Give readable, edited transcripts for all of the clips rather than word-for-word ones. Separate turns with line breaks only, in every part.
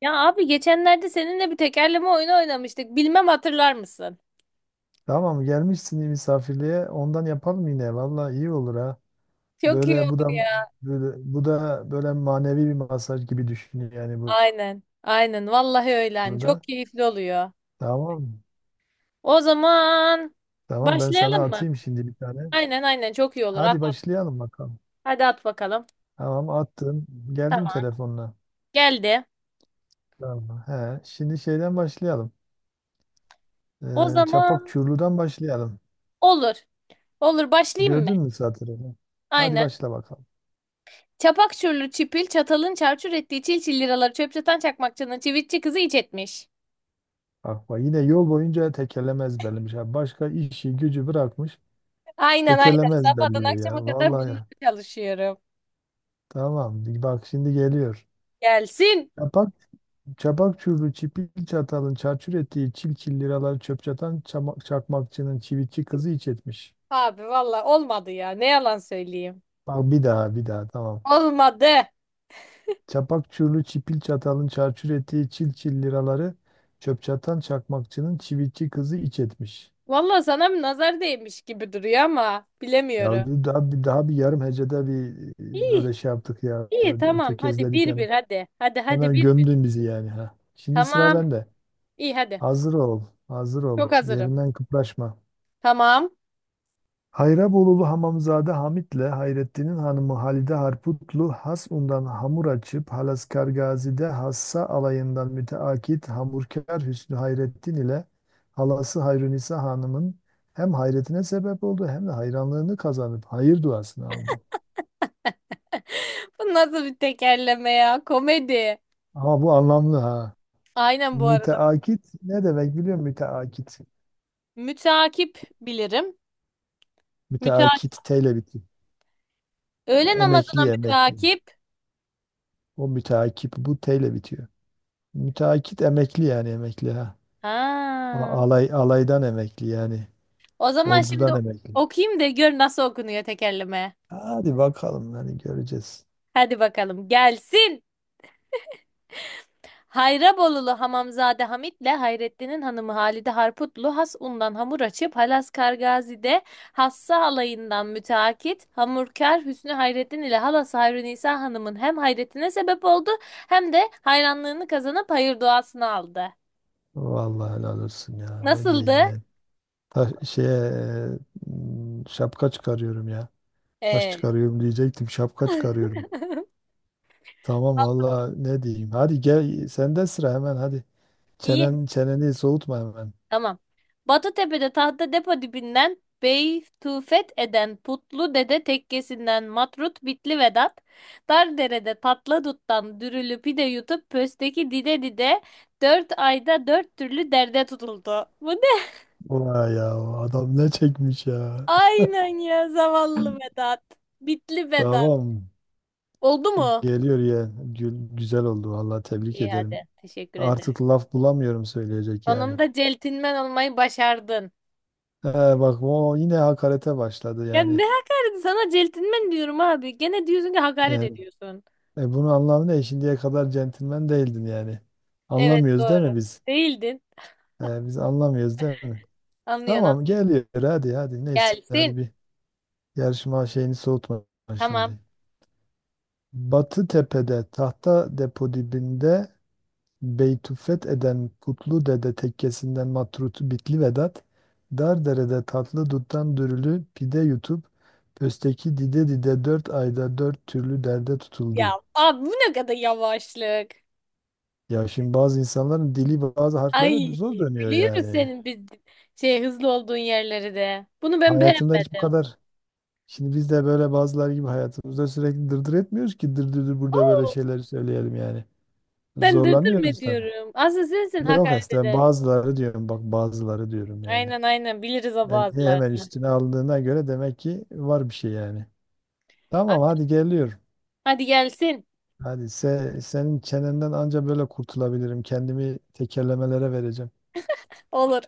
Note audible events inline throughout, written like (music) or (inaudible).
Ya abi geçenlerde seninle bir tekerleme oyunu oynamıştık. Bilmem hatırlar mısın?
Tamam gelmişsin iyi misafirliğe ondan yapalım yine. Vallahi iyi olur ha.
Çok iyi
Böyle bu
olur
da
ya.
böyle bu da böyle manevi bir masaj gibi düşün yani
Aynen. Aynen. Vallahi öyle. Hani
bunu
çok
da.
keyifli oluyor.
Tamam.
O zaman
Tamam ben sana
başlayalım mı?
atayım şimdi bir tane.
Aynen aynen. Çok iyi olur. At,
Hadi
at.
başlayalım bakalım.
Hadi at bakalım.
Tamam attım. Geldim
Tamam.
telefonla.
Geldi.
Tamam. He, şimdi şeyden başlayalım.
O
Çapak
zaman
Çurlu'dan başlayalım.
olur. Olur. Başlayayım mı?
Gördün mü satırını? Hadi
Aynen.
başla bakalım.
Çapak çürlü çipil çatalın çarçur ettiği çil çil liraları çöpçatan çakmakçının çivitçi kızı iç etmiş.
Bak bak yine yol boyunca tekerleme ezberlemiş. Ha, başka işi gücü bırakmış.
Aynen aynen.
Tekeleme
Sabahtan
ezberliyor
akşama
ya.
kadar
Vallahi
bununla
ya.
çalışıyorum.
Tamam. Bak şimdi geliyor.
Gelsin.
Çapak, çapak çubuğu çipil çatalın çarçur ettiği çil çil liraları çöp çatan çakmakçının çivitçi kızı iç etmiş.
Abi valla olmadı ya. Ne yalan söyleyeyim.
Bak bir daha bir daha tamam.
Olmadı.
Çapak çubuğu çipil çatalın çarçur ettiği çil çil liraları çöp çatan çakmakçının çivitçi kızı iç etmiş.
Valla sana bir nazar değmiş gibi duruyor ama bilemiyorum.
Ya bu daha daha bir yarım hecede bir
İyi,
böyle şey yaptık ya.
iyi
Böyle
tamam. Hadi
tökezledik
bir
hemen.
bir hadi. Hadi hadi
Hemen
bir.
gömdün bizi yani ha. Şimdi sıra
Tamam.
bende.
İyi hadi.
Hazır ol, hazır ol.
Çok hazırım.
Yerinden kıpraşma.
Tamam.
Hayrabolulu Hamamzade Hamit'le Hayrettin'in hanımı Halide Harputlu Hasun'dan hamur açıp Halaskar Gazi'de Hassa alayından müteakit hamurkar Hüsnü Hayrettin ile halası Hayrunisa Hanım'ın hem hayretine sebep oldu hem de hayranlığını kazanıp hayır duasını aldı.
(laughs) Bu nasıl bir tekerleme ya? Komedi.
Ama bu anlamlı ha.
Aynen bu arada.
Müteakit ne demek biliyor musun? Müteakit.
Mütakip bilirim. Mütakip.
Müteakit T ile bitiyor.
Öğle namazına
Emekli emekli.
mütakip.
O müteakip bu T ile bitiyor. Müteakit emekli yani emekli ha.
Ha.
Alay, alaydan emekli yani.
O zaman şimdi
Ordudan emekli.
okuyayım da gör nasıl okunuyor tekerleme.
Hadi bakalım yani göreceğiz.
Hadi bakalım gelsin. Hayrabolulu Hamamzade Hamit'le Hayrettin'in hanımı Halide Harputlu has undan hamur açıp Halas Kargazi'de hassa alayından müteakit hamurkar Hüsnü Hayrettin ile halası Hayri Nisa Hanım'ın hem hayretine sebep oldu hem de hayranlığını kazanıp hayır duasını aldı.
Vallahi helal olsun ya. Ne diyeyim
Nasıldı?
yani. Ta şeye şapka çıkarıyorum ya. Taş
Ee,
çıkarıyorum diyecektim. Şapka çıkarıyorum.
(laughs)
Tamam vallahi ne diyeyim. Hadi gel sende sıra hemen hadi.
İyi.
Çenen çeneni soğutma hemen.
Tamam. Batıtepe'de tahta depo dibinden Beytufet eden Putlu Dede tekkesinden Matrut Bitli Vedat, Dardere'de tatlı duttan dürülü pide yutup pösteki dide dide dört ayda dört türlü derde tutuldu. Bu ne?
Vay ya adam ne çekmiş
(laughs)
ya.
Aynen ya zavallı Vedat. Bitli Vedat.
Tamam.
Oldu mu?
Geliyor ya. Gül, güzel oldu vallahi tebrik
İyi
ederim.
hadi. Teşekkür ederim.
Artık laf bulamıyorum söyleyecek yani.
Sonunda celtinmen olmayı başardın.
He, bak o yine hakarete başladı
Ya
yani.
ne hakaret, sana celtinmen diyorum abi. Gene diyorsun ki hakaret
Yani
ediyorsun.
bunun anlamı ne? Şimdiye kadar centilmen değildin yani.
Evet
Anlamıyoruz değil
doğru.
mi biz?
Değildin.
E, biz anlamıyoruz değil mi?
Anlıyorum.
Tamam geliyor hadi hadi neyse hadi
Gelsin.
bir yarışma şeyini soğutma
Tamam.
şimdi. Batı Tepe'de tahta depo dibinde Beytü fetheden putlu dede tekkesinden matrutu bitli Vedat, dar derede tatlı duttan dürülü pide yutup, pösteki dide dide dört ayda dört türlü derde tutuldu.
Ya abi bu ne kadar yavaşlık.
Ya şimdi bazı insanların dili bazı harflere
Ay
zor dönüyor
biliyoruz
yani.
senin biz şey hızlı olduğun yerleri de. Bunu ben
Hayatımda hiç bu
beğenmedim.
kadar. Şimdi biz de böyle bazılar gibi hayatımızda sürekli dırdır etmiyoruz ki dırdırdır burada böyle
Oo,
şeyleri söyleyelim yani.
ben dırdır mı
Zorlanıyoruz tabii.
diyorum? Aslında sensin
Yok
hakaret
Esra,
eden.
bazıları diyorum bak bazıları diyorum yani.
Aynen aynen, biliriz o
Yani hemen
bazılarını.
üstüne aldığına göre demek ki var bir şey yani.
Ha-
Tamam hadi geliyorum.
Hadi gelsin.
Hadi senin çenenden anca böyle kurtulabilirim. Kendimi tekerlemelere vereceğim.
Olur.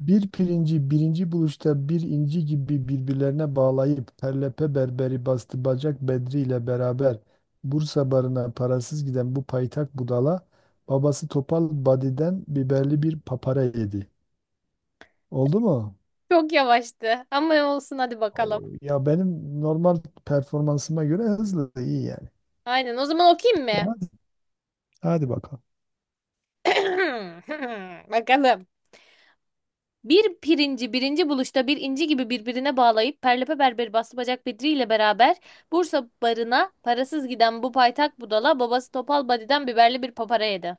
Bir pirinci birinci buluşta bir inci gibi birbirlerine bağlayıp perlepe berberi bastı bacak Bedri ile beraber Bursa barına parasız giden bu paytak budala babası Topal Badi'den biberli bir papara yedi. Oldu mu?
Çok yavaştı. Ama olsun hadi bakalım.
Oo, ya benim normal performansıma göre hızlı iyi
Aynen, o zaman okuyayım mı?
yani. Hadi bakalım.
(clears throat) Bakalım. Bir pirinci birinci buluşta bir inci gibi birbirine bağlayıp Perlepe Berberi Bastı Bacak Bedri ile beraber Bursa barına parasız giden bu paytak budala babası Topal Badi'den biberli bir papara yedi.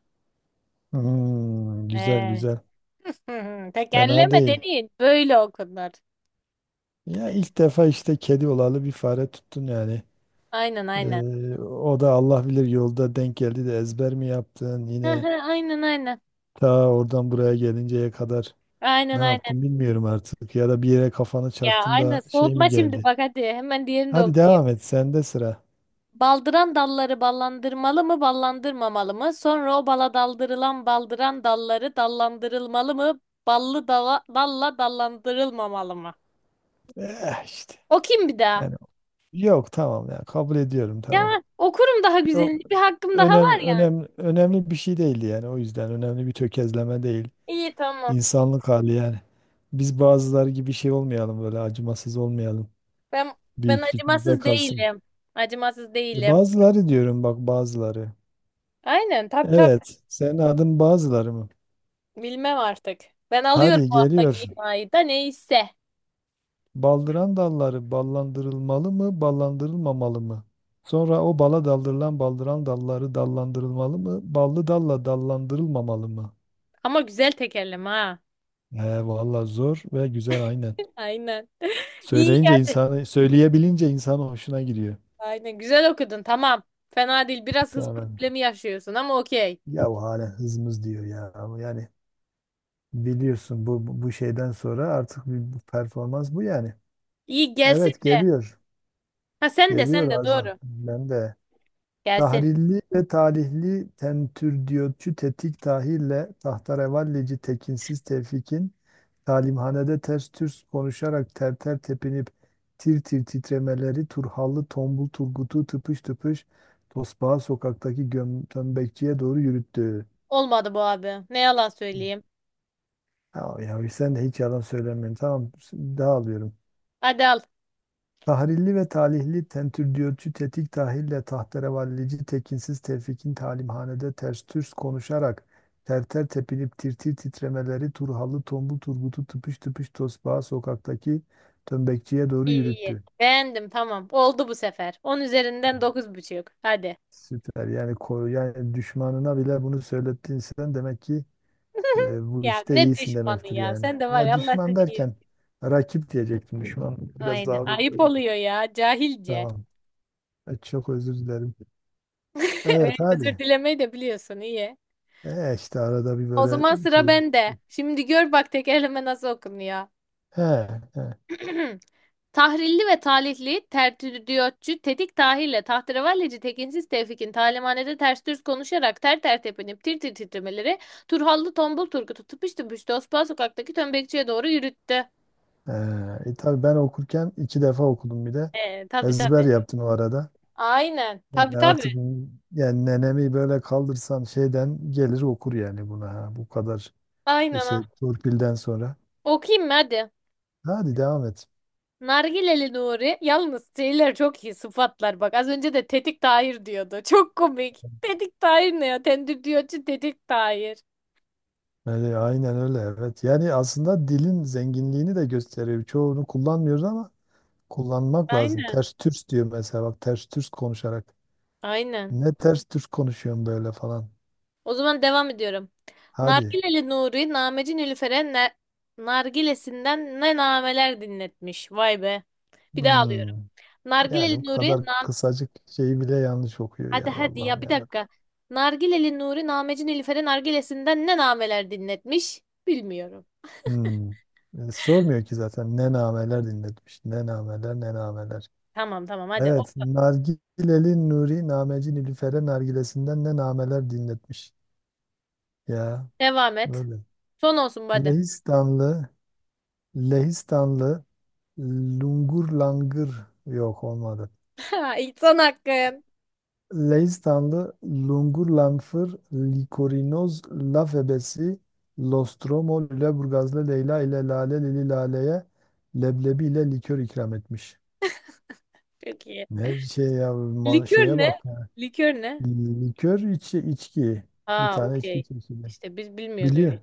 Hmm, güzel
Ee,
güzel.
hı hı,
Fena
tekerleme
değil.
dediğin böyle okunur.
Ya ilk defa işte kedi olalı bir fare tuttun yani.
Aynen aynen.
O da Allah bilir yolda denk geldi de ezber mi yaptın
Hı
yine
hı, aynen aynen.
ta oradan buraya gelinceye kadar ne
Aynen aynen.
yaptın bilmiyorum artık. Ya da bir yere kafanı
Ya
çarptın
aynen,
da şey mi
soğutma şimdi
geldi?
bak, hadi hemen diğerini de
Hadi
okuyayım.
devam et sende sıra.
Baldıran dalları ballandırmalı mı, ballandırmamalı mı? Sonra o bala daldırılan baldıran dalları dallandırılmalı mı? Ballı dala, dalla dallandırılmamalı mı?
Eh işte.
Okuyayım bir daha.
Yani yok tamam ya kabul ediyorum tamam.
Ya okurum daha
Yok
güzelini. Bir hakkım daha var yani.
önemli bir şey değildi yani o yüzden önemli bir tökezleme değil.
İyi tamam.
İnsanlık hali yani. Biz bazıları gibi şey olmayalım böyle acımasız olmayalım.
Ben ben
Büyüklük bizde
acımasız
kalsın.
değilim. Acımasız
E
değilim.
bazıları diyorum bak bazıları.
Aynen tabii tabii.
Evet, senin adın bazıları mı?
Bilmem artık. Ben alıyorum
Hadi
o alttaki
geliyor.
imayı da, neyse.
Baldıran dalları ballandırılmalı mı, ballandırılmamalı mı? Sonra o bala daldırılan baldıran dalları dallandırılmalı mı, ballı dalla dallandırılmamalı mı?
Ama güzel tekerleme ha.
He valla zor ve güzel aynen.
(laughs) Aynen. (laughs) İyi.
Söyleyince insanı, söyleyebilince insan hoşuna gidiyor.
Aynen güzel okudun tamam. Fena değil. Biraz hız
Tamam.
problemi yaşıyorsun ama okey.
Ya hala hızımız diyor ya. Yani biliyorsun bu şeyden sonra artık bir bu performans bu yani.
İyi gelsin
Evet
de.
geliyor.
Ha, sen de sen
Geliyor
de
Azam.
doğru.
Ben de.
Gelsin.
Tahrilli ve talihli tentürdiyotçu tetik tahille tahterevallici tekinsiz tevfikin talimhanede ters türs konuşarak ter ter tepinip tir tir titremeleri Turhallı tombul Turgut'u tıpış tıpış Tosbağa sokaktaki tömbekçiye doğru yürüttü.
Olmadı bu abi. Ne yalan söyleyeyim.
Ya sen de hiç yalan söylemiyorsun. Tamam dağılıyorum.
Hadi al.
Tahrilli ve talihli tentürdiyotçu tetik tahille tahterevallici tekinsiz tevfikin talimhanede ters türs konuşarak terter tepinip tirtir titremeleri Turhalı tombul Turgut'u tıpış tıpış tosbağa sokaktaki tömbekçiye doğru
İyi iyi.
yürüttü.
Beğendim tamam. Oldu bu sefer. 10 üzerinden 9,5. Hadi.
Süper. Yani yani düşmanına bile bunu söylettin sen demek ki
(laughs)
bu
Ya
işte
ne
iyisin
düşmanı
demektir
ya.
yani.
Sen de var
Ya
ya, Allah
düşman
seni iyi.
derken rakip diyecektim. Düşman biraz
Aynen.
ağır.
Ayıp oluyor ya. Cahilce.
Tamam. Çok özür dilerim.
(laughs) Öyle
Evet
özür
hadi.
dilemeyi de biliyorsun. İyi.
E işte arada bir
O
böyle
zaman sıra
şey.
bende. Şimdi gör bak, tekerleme nasıl okunuyor.
He, he,
(clears throat) Tahrilli ve talihli, tertüdyotçu, tetik tahirle, tahterevalleci, tekinsiz tevfikin, talimhanede ters düz konuşarak, ter ter tepinip, tir tir titremeleri, Turhallı tombul Turgut'u tıpış tıpış Tosbağa sokaktaki tömbekçiye doğru yürüttü.
he. Tabii ben okurken iki defa okudum bir de.
Tabii
Ezber
tabii.
yaptım o arada.
Aynen. Tabii
Yani artık
tabii.
yani nenemi böyle kaldırsan şeyden gelir okur yani buna. Ha. Bu kadar
Aynen
şey
ha.
torpilden sonra.
Okuyayım mı hadi.
Hadi devam et.
Nargileli Nuri. Yalnız şeyler çok iyi sıfatlar bak. Az önce de tetik tahir diyordu. Çok komik. Tetik tahir ne ya? Tendürdiyotçu tetik tahir.
Öyle, aynen öyle evet. Yani aslında dilin zenginliğini de gösteriyor. Çoğunu kullanmıyoruz ama kullanmak lazım.
Aynen.
Ters türs diyor mesela bak ters türs konuşarak.
Aynen.
Ne ters düz konuşuyorsun böyle falan.
O zaman devam ediyorum.
Hadi.
Nargileli Nuri, Nameci Nilüfer'e nargilesinden ne nameler dinletmiş. Vay be. Bir daha alıyorum.
Hmm. Yani
Nargileli
bu
Nuri,
kadar kısacık şeyi bile yanlış okuyor ya
hadi hadi
Allah'ım
ya, bir
yarabbim.
dakika. Nargileli Nuri, Nameci Nilüfer'e nargilesinden ne nameler dinletmiş? Bilmiyorum.
Hmm. Sormuyor ki zaten ne nameler dinletmiş. Ne nameler ne nameler.
Tamam tamam hadi. O,
Evet Nargileli Nuri Nameci Nilüfer'e nargilesinden ne nameler dinletmiş. Ya
devam et.
böyle.
Son olsun bu hadi. (laughs)
Lehistanlı Lehistanlı Lungur Langır yok olmadı.
Ha, son hakkın.
Leistanlı Lungurlanfır Likorinoz Laf Ebesi Lostromo Lüleburgazlı Leyla ile Lale Lili Lale'ye leblebi ile likör ikram etmiş.
Çok iyi.
Ne şey ya
Likör
şeye
ne?
bak. Ya.
Likör ne?
Likör içi içki. Bir
Aa
tane içki
okey.
çeşidi.
İşte biz bilmiyoruz
Biliyor.
öyle.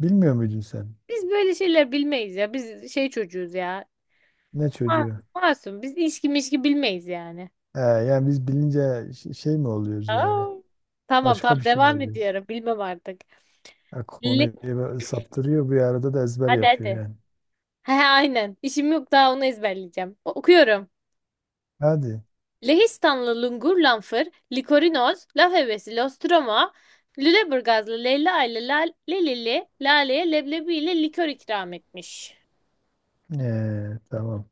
Bilmiyor muydun sen?
Biz böyle şeyler bilmeyiz ya. Biz şey çocuğuz ya.
Ne
Ma-
çocuğu?
Masum. Biz ilişki mişki bilmeyiz yani.
He, yani biz bilince şey mi oluyoruz yani?
Aa. Tamam
Başka
tamam
bir şey mi
devam
oluyoruz?
ediyorum. Bilmem artık.
Ya
Le-
konuyu böyle saptırıyor bir arada da ezber
hadi
yapıyor
hadi.
yani.
He aynen. İşim yok daha onu ezberleyeceğim. Okuyorum.
Hadi.
Lehistanlı Lungur Lanfır, Likorinoz, Laf Hevesi, Lostroma, Lüleburgazlı Leyla ile Lelili, Lale'ye leblebi ile likör ikram etmiş.
Tamam.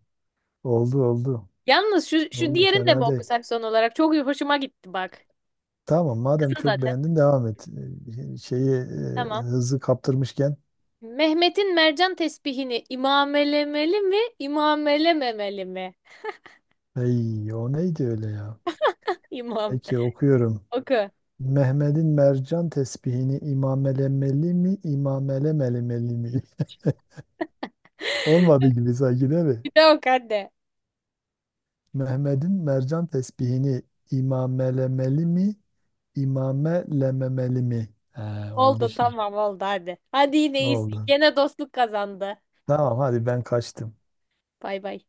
Oldu oldu.
Yalnız şu
Oldu
diğerini de mi
fena değil.
okusak son olarak? Çok hoşuma gitti bak.
Tamam madem
Kısa
çok
zaten.
beğendin devam et. Şeyi
Tamam.
hızı kaptırmışken.
Mehmet'in mercan tesbihini imamelemeli mi, imamelememeli mi?
Ey o neydi öyle ya?
(laughs) İmam.
Peki okuyorum.
Oku.
Mehmet'in mercan tesbihini imamelemeli mi, imamelemelemeli mi? (laughs) Olmadı gibi sanki değil mi?
Bir de oku hadi.
Mehmet'in mercan tesbihini imamelemeli mi, imamelememeli mi? He, oldu
Oldu
şimdi.
tamam oldu hadi. Hadi yine iyisin.
Oldu.
Gene dostluk kazandı.
Tamam hadi ben kaçtım.
Bay bay.